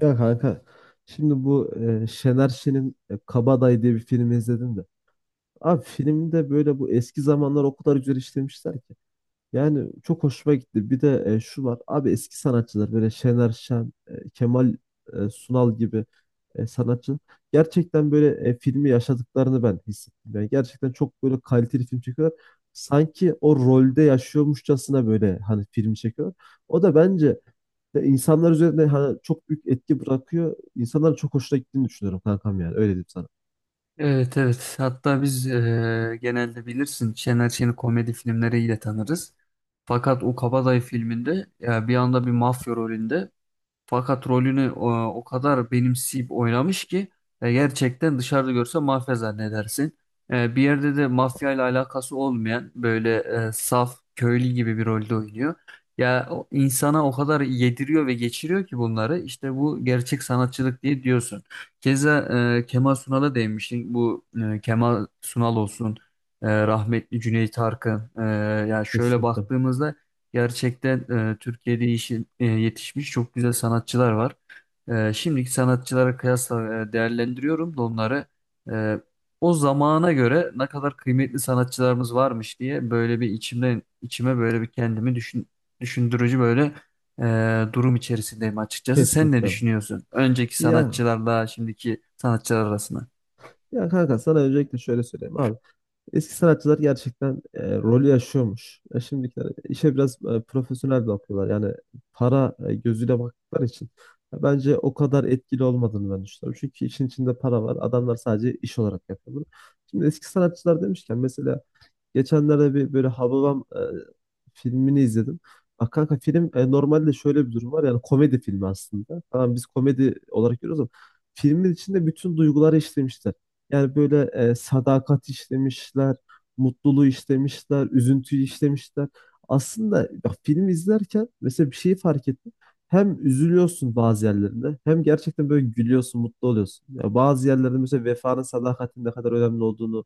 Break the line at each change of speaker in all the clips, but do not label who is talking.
Ya kanka şimdi bu Şener Şen'in Kabadayı diye bir filmi izledim de. Abi filmde böyle bu eski zamanlar o kadar güzel işlemişler ki. Yani çok hoşuma gitti. Bir de şu var. Abi eski sanatçılar böyle Şener Şen, Kemal Sunal gibi sanatçı gerçekten böyle filmi yaşadıklarını ben hissettim. Yani gerçekten çok böyle kaliteli film çekiyorlar. Sanki o rolde yaşıyormuşçasına böyle hani filmi çekiyorlar. O da bence de insanlar üzerinde hani çok büyük etki bırakıyor. İnsanların çok hoşuna gittiğini düşünüyorum kankam yani. Öyle diyeyim sana.
Evet, evet, hatta biz genelde bilirsin Şener Şen'i komedi filmleriyle tanırız. Fakat o Kabadayı filminde ya bir anda bir mafya rolünde, fakat rolünü o kadar benimseyip oynamış ki gerçekten dışarıda görse mafya zannedersin. Bir yerde de mafya ile alakası olmayan böyle saf köylü gibi bir rolde oynuyor. Ya o, insana o kadar yediriyor ve geçiriyor ki bunları işte bu gerçek sanatçılık diye diyorsun. Keza Kemal Sunal'a değinmiştin. Kemal Sunal olsun, rahmetli Cüneyt Arkın. Ya şöyle
Kesinlikle.
baktığımızda gerçekten Türkiye'de yetişmiş çok güzel sanatçılar var. Şimdiki sanatçılara kıyasla değerlendiriyorum da onları. E, O zamana göre ne kadar kıymetli sanatçılarımız varmış diye böyle bir içimden içime böyle bir düşündürücü böyle durum içerisindeyim açıkçası. Sen ne
Kesinlikle.
düşünüyorsun? Önceki
Ya
sanatçılarla şimdiki sanatçılar arasında.
ya kanka sana öncelikle şöyle söyleyeyim abi. Eski sanatçılar gerçekten rolü yaşıyormuş. Şimdikiler işe biraz profesyonel bakıyorlar. Yani para gözüyle baktıkları için. Ya bence o kadar etkili olmadığını ben düşünüyorum. Çünkü işin içinde para var. Adamlar sadece iş olarak yapıyor bunu. Şimdi eski sanatçılar demişken mesela geçenlerde bir böyle Hababam filmini izledim. Bak kanka film normalde şöyle bir durum var, yani komedi filmi aslında. Tamam, biz komedi olarak görüyoruz ama filmin içinde bütün duyguları işlemişler. Yani böyle sadakat işlemişler, mutluluğu işlemişler, üzüntüyü işlemişler. Aslında bak, film izlerken mesela bir şeyi fark ettim. Hem üzülüyorsun bazı yerlerinde hem gerçekten böyle gülüyorsun, mutlu oluyorsun. Ya bazı yerlerde mesela vefanın, sadakatin ne kadar önemli olduğunu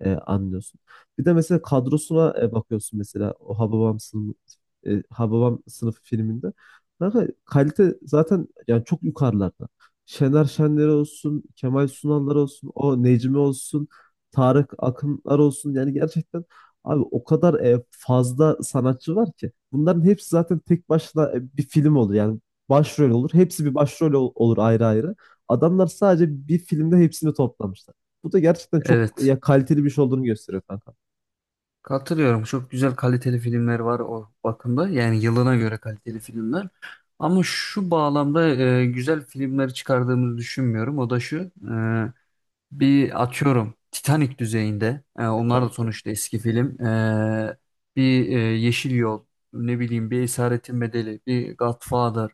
anlıyorsun. Bir de mesela kadrosuna bakıyorsun, mesela o Hababam sınıfı, Hababam sınıfı filminde. Kanka kalite zaten yani çok yukarılarda. Şener Şenler olsun, Kemal Sunallar olsun, o Necmi olsun, Tarık Akınlar olsun. Yani gerçekten abi o kadar fazla sanatçı var ki. Bunların hepsi zaten tek başına bir film olur. Yani başrol olur. Hepsi bir başrol olur ayrı ayrı. Adamlar sadece bir filmde hepsini toplamışlar. Bu da gerçekten çok
Evet.
ya kaliteli bir şey olduğunu gösteriyor kanka.
Katılıyorum. Çok güzel kaliteli filmler var o bakımda. Yani yılına göre kaliteli filmler. Ama şu bağlamda güzel filmler çıkardığımızı düşünmüyorum. O da şu. Bir atıyorum Titanic düzeyinde. Onlar da
Tabii ki.
sonuçta eski film. Bir Yeşil Yol, ne bileyim bir Esaretin Bedeli, bir Godfather.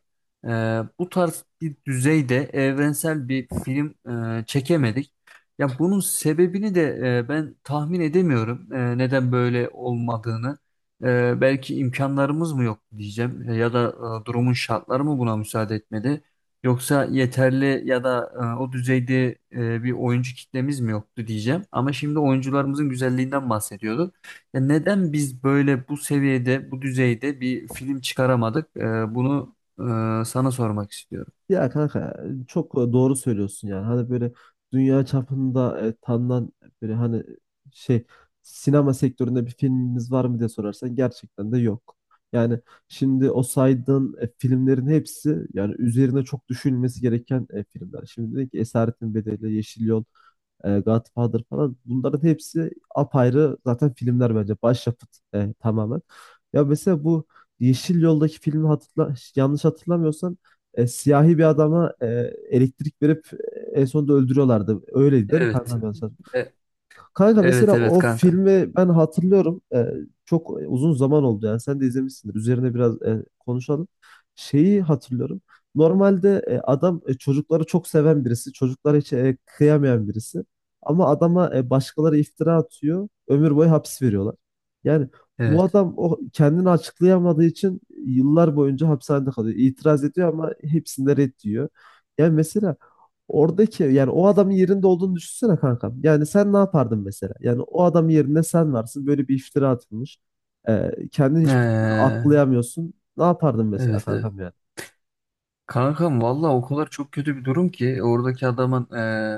E, Bu tarz bir düzeyde evrensel bir film çekemedik. Ya bunun sebebini de ben tahmin edemiyorum. Neden böyle olmadığını. Belki imkanlarımız mı yok diyeceğim, ya da durumun şartları mı buna müsaade etmedi. Yoksa yeterli ya da o düzeyde bir oyuncu kitlemiz mi yoktu diyeceğim. Ama şimdi oyuncularımızın güzelliğinden bahsediyorduk. Ya neden biz böyle bu seviyede, bu düzeyde bir film çıkaramadık? Bunu sana sormak istiyorum.
Ya kanka çok doğru söylüyorsun yani. Hani böyle dünya çapında tanınan böyle hani şey sinema sektöründe bir filmimiz var mı diye sorarsan gerçekten de yok. Yani şimdi o saydığın filmlerin hepsi yani üzerine çok düşünülmesi gereken filmler. Şimdi dedik ki Esaretin Bedeli, Yeşil Yol, Godfather falan, bunların hepsi apayrı zaten filmler, bence başyapıt tamamen. Ya mesela bu Yeşil Yol'daki filmi hatırla, yanlış hatırlamıyorsam siyahi bir adama elektrik verip en sonunda öldürüyorlardı. Öyleydi değil mi
Evet.
kankam? Evet.
E,
Kanka
evet,
mesela
evet
o
kanka.
filmi ben hatırlıyorum. Çok uzun zaman oldu yani. Sen de izlemişsindir. Üzerine biraz konuşalım. Şeyi hatırlıyorum. Normalde adam çocukları çok seven birisi. Çocuklara hiç kıyamayan birisi. Ama adama başkaları iftira atıyor. Ömür boyu hapis veriyorlar. Yani bu
Evet.
adam o kendini açıklayamadığı için yıllar boyunca hapishanede kalıyor. İtiraz ediyor ama hepsinde red diyor. Yani mesela oradaki, yani o adamın yerinde olduğunu düşünsene kankam. Yani sen ne yapardın mesela? Yani o adamın yerinde sen varsın. Böyle bir iftira atılmış. Kendini hiçbir türlü
Ee,
aklayamıyorsun. Ne yapardın mesela
evet, evet.
kankam yani?
Kankam valla o kadar çok kötü bir durum ki oradaki adamın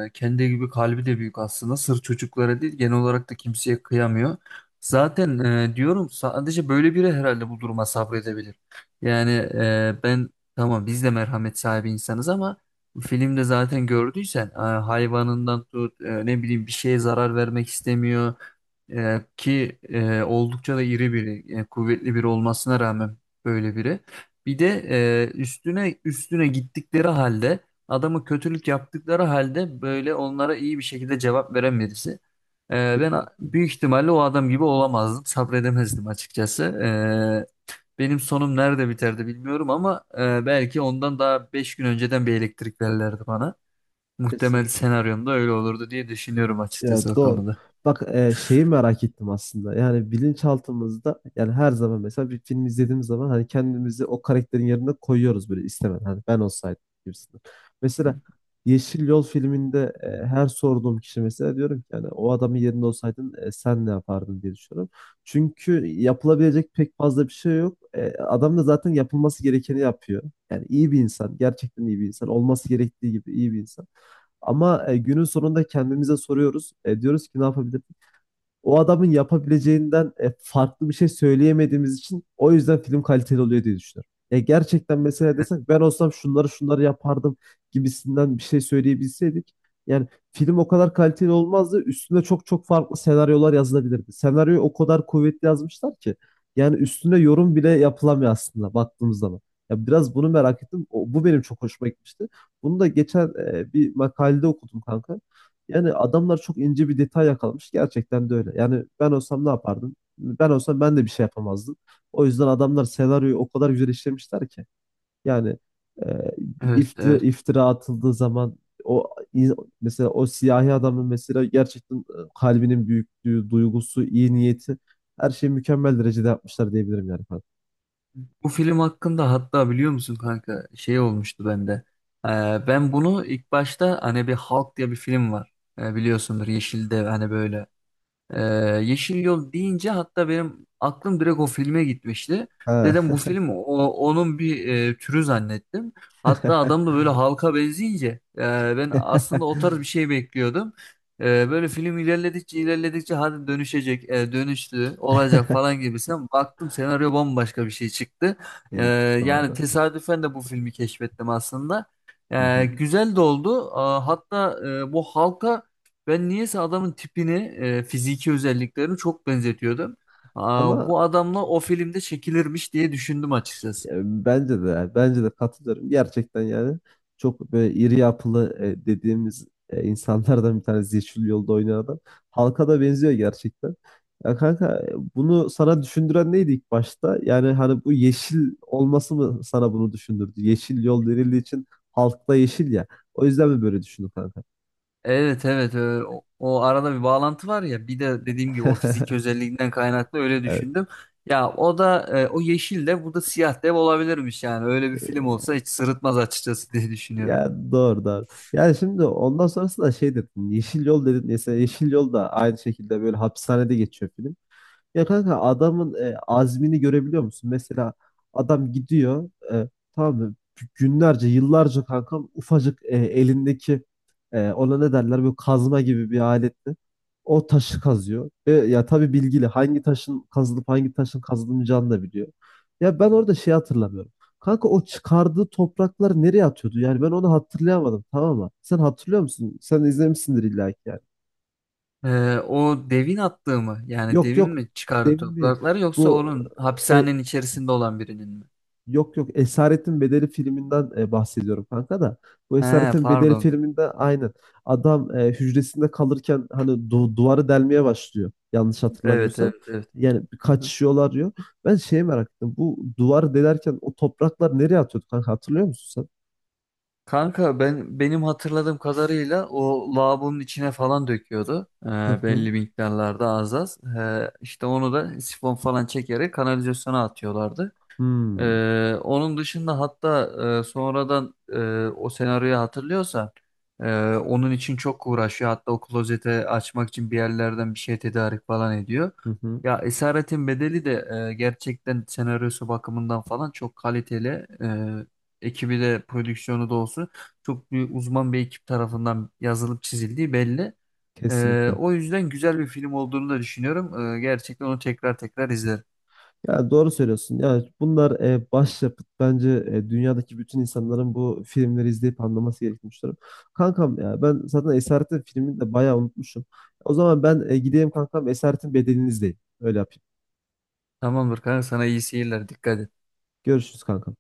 kendi gibi kalbi de büyük aslında. Sırf çocuklara değil genel olarak da kimseye kıyamıyor. Zaten diyorum sadece böyle biri herhalde bu duruma sabredebilir. Yani ben, tamam biz de merhamet sahibi insanız ama filmde zaten gördüysen hayvanından tut, ne bileyim, bir şeye zarar vermek istemiyor. Oldukça da iri biri, kuvvetli biri olmasına rağmen böyle biri. Bir de üstüne üstüne gittikleri halde, adamı kötülük yaptıkları halde böyle onlara iyi bir şekilde cevap veren birisi.
Kesinlikle.
Büyük ihtimalle o adam gibi olamazdım, sabredemezdim açıkçası. Benim sonum nerede biterdi bilmiyorum ama belki ondan daha 5 gün önceden bir elektrik verirlerdi bana. Muhtemel
Kesinlikle.
senaryomda öyle olurdu diye düşünüyorum açıkçası
Ya
o
doğru.
konuda.
Bak, şeyi merak ettim aslında. Yani bilinçaltımızda yani her zaman mesela bir film izlediğimiz zaman hani kendimizi o karakterin yerine koyuyoruz böyle istemeden. Hani ben olsaydım gibisinden. Mesela Yeşil Yol filminde her sorduğum kişi mesela, diyorum ki yani o adamın yerinde olsaydın sen ne yapardın diye düşünüyorum. Çünkü yapılabilecek pek fazla bir şey yok. E, adam da zaten yapılması gerekeni yapıyor. Yani iyi bir insan, gerçekten iyi bir insan, olması gerektiği gibi iyi bir insan. Ama günün sonunda kendimize soruyoruz. E, diyoruz ki ne yapabiliriz? O adamın yapabileceğinden farklı bir şey söyleyemediğimiz için o yüzden film kaliteli oluyor diye düşünüyorum. Ya gerçekten mesela desek ben olsam şunları şunları yapardım gibisinden bir şey söyleyebilseydik, yani film o kadar kaliteli olmazdı. Üstüne çok çok farklı senaryolar yazılabilirdi. Senaryoyu o kadar kuvvetli yazmışlar ki yani üstüne yorum bile yapılamıyor aslında baktığımız zaman. Ya biraz bunu merak ettim. Bu benim çok hoşuma gitmişti. Bunu da geçen bir makalede okudum kanka. Yani adamlar çok ince bir detay yakalamış. Gerçekten de öyle. Yani ben olsam ne yapardım? Ben olsam ben de bir şey yapamazdım. O yüzden adamlar senaryoyu o kadar güzel işlemişler ki. Yani bir
Evet, evet.
iftira atıldığı zaman o in- mesela o siyahi adamın mesela gerçekten kalbinin büyüklüğü, duygusu, iyi niyeti, her şeyi mükemmel derecede yapmışlar diyebilirim yani. Falan.
Bu film hakkında hatta biliyor musun kanka, şey olmuştu bende. Ee, Ben bunu ilk başta, hani bir Hulk diye bir film var. Biliyorsundur Yeşildev, hani böyle ee, Yeşil Yol deyince hatta benim aklım direkt o filme gitmişti.
Ha.
Dedim bu film onun bir türü zannettim. Hatta adam da böyle halka benzeyince e, ben aslında o tarz bir şey bekliyordum. Böyle film ilerledikçe ilerledikçe hadi dönüşecek, dönüştü, olacak falan gibisinden baktım, senaryo bambaşka bir şey çıktı. E,
Evet,
Yani
doğru.
tesadüfen de bu filmi keşfettim aslında.
Hı hı.
Güzel de oldu. Hatta bu halka ben niyeyse adamın tipini, fiziki özelliklerini çok benzetiyordum. Aa,
Ama
bu adamla o filmde çekilirmiş diye düşündüm açıkçası.
e, bence de yani, bence de katılıyorum. Gerçekten yani çok böyle iri yapılı dediğimiz insanlardan bir tanesi Yeşil Yolda oynayan adam. Halka da benziyor gerçekten. Ya kanka bunu sana düşündüren neydi ilk başta? Yani hani bu yeşil olması mı sana bunu düşündürdü? Yeşil yol denildiği için halkta yeşil ya. O yüzden mi böyle düşündün kanka?
Evet evet, o arada bir bağlantı var ya, bir de dediğim gibi o fiziki özelliğinden kaynaklı öyle
Evet.
düşündüm. Ya o da, o yeşil de bu da siyah dev olabilirmiş yani, öyle bir film olsa hiç sırıtmaz açıkçası diye düşünüyorum.
Ya doğru doğru. Yani şimdi ondan sonrası da şey dedin. Yeşil yol dedin. Mesela Yeşil Yol da aynı şekilde böyle hapishanede geçiyor film. Ya kanka adamın azmini görebiliyor musun? Mesela adam gidiyor, tamam mı? Günlerce, yıllarca kankam ufacık elindeki ona ne derler böyle kazma gibi bir aletle o taşı kazıyor. E, ya tabii bilgili, hangi taşın kazılıp hangi taşın kazılmayacağını da biliyor. Ya ben orada şey hatırlamıyorum. Kanka o çıkardığı toprakları nereye atıyordu? Yani ben onu hatırlayamadım, tamam mı? Sen hatırlıyor musun? Sen izlemişsindir illa ki yani.
E, O devin attığı mı, yani
Yok
devin
yok,
mi çıkardı
demin değil.
toprakları yoksa
Bu
onun
e,
hapishanenin içerisinde olan birinin mi?
yok yok, Esaretin Bedeli filminden bahsediyorum kanka da. Bu
He,
Esaretin Bedeli
pardon.
filminde aynen adam hücresinde kalırken hani duvarı delmeye başlıyor. Yanlış
Evet,
hatırlamıyorsam.
evet, evet.
Yani
Aha.
kaçışıyorlar diyor. Ben şeye merak ettim. Bu duvarı delerken o topraklar nereye atıyordu kanka, hatırlıyor musun sen?
Kanka ben, benim hatırladığım kadarıyla o lavabonun içine falan döküyordu.
Hı hı.
Belli miktarlarda, az az. İşte onu da sifon falan çekerek kanalizasyona atıyorlardı.
Hmm.
Onun dışında hatta sonradan o senaryoyu hatırlıyorsan e, onun için çok uğraşıyor. Hatta o klozete açmak için bir yerlerden bir şey tedarik falan ediyor.
Hı hı.
Ya Esaretin Bedeli de gerçekten senaryosu bakımından falan çok kaliteli. Ekibi de prodüksiyonu da olsun çok büyük uzman bir ekip tarafından yazılıp çizildiği belli.
Kesinlikle.
O yüzden güzel bir film olduğunu da düşünüyorum. Gerçekten onu tekrar tekrar izlerim.
Ya doğru söylüyorsun. Ya bunlar başyapıt. Bence dünyadaki bütün insanların bu filmleri izleyip anlaması gerektiğini düşünüyorum. Kankam ya ben zaten Esaret'in filmini de bayağı unutmuşum. O zaman ben gideyim kankam, Esaret'in bedelini izleyeyim. Öyle yapayım.
Tamamdır kanka, sana iyi seyirler. Dikkat et.
Görüşürüz kankam.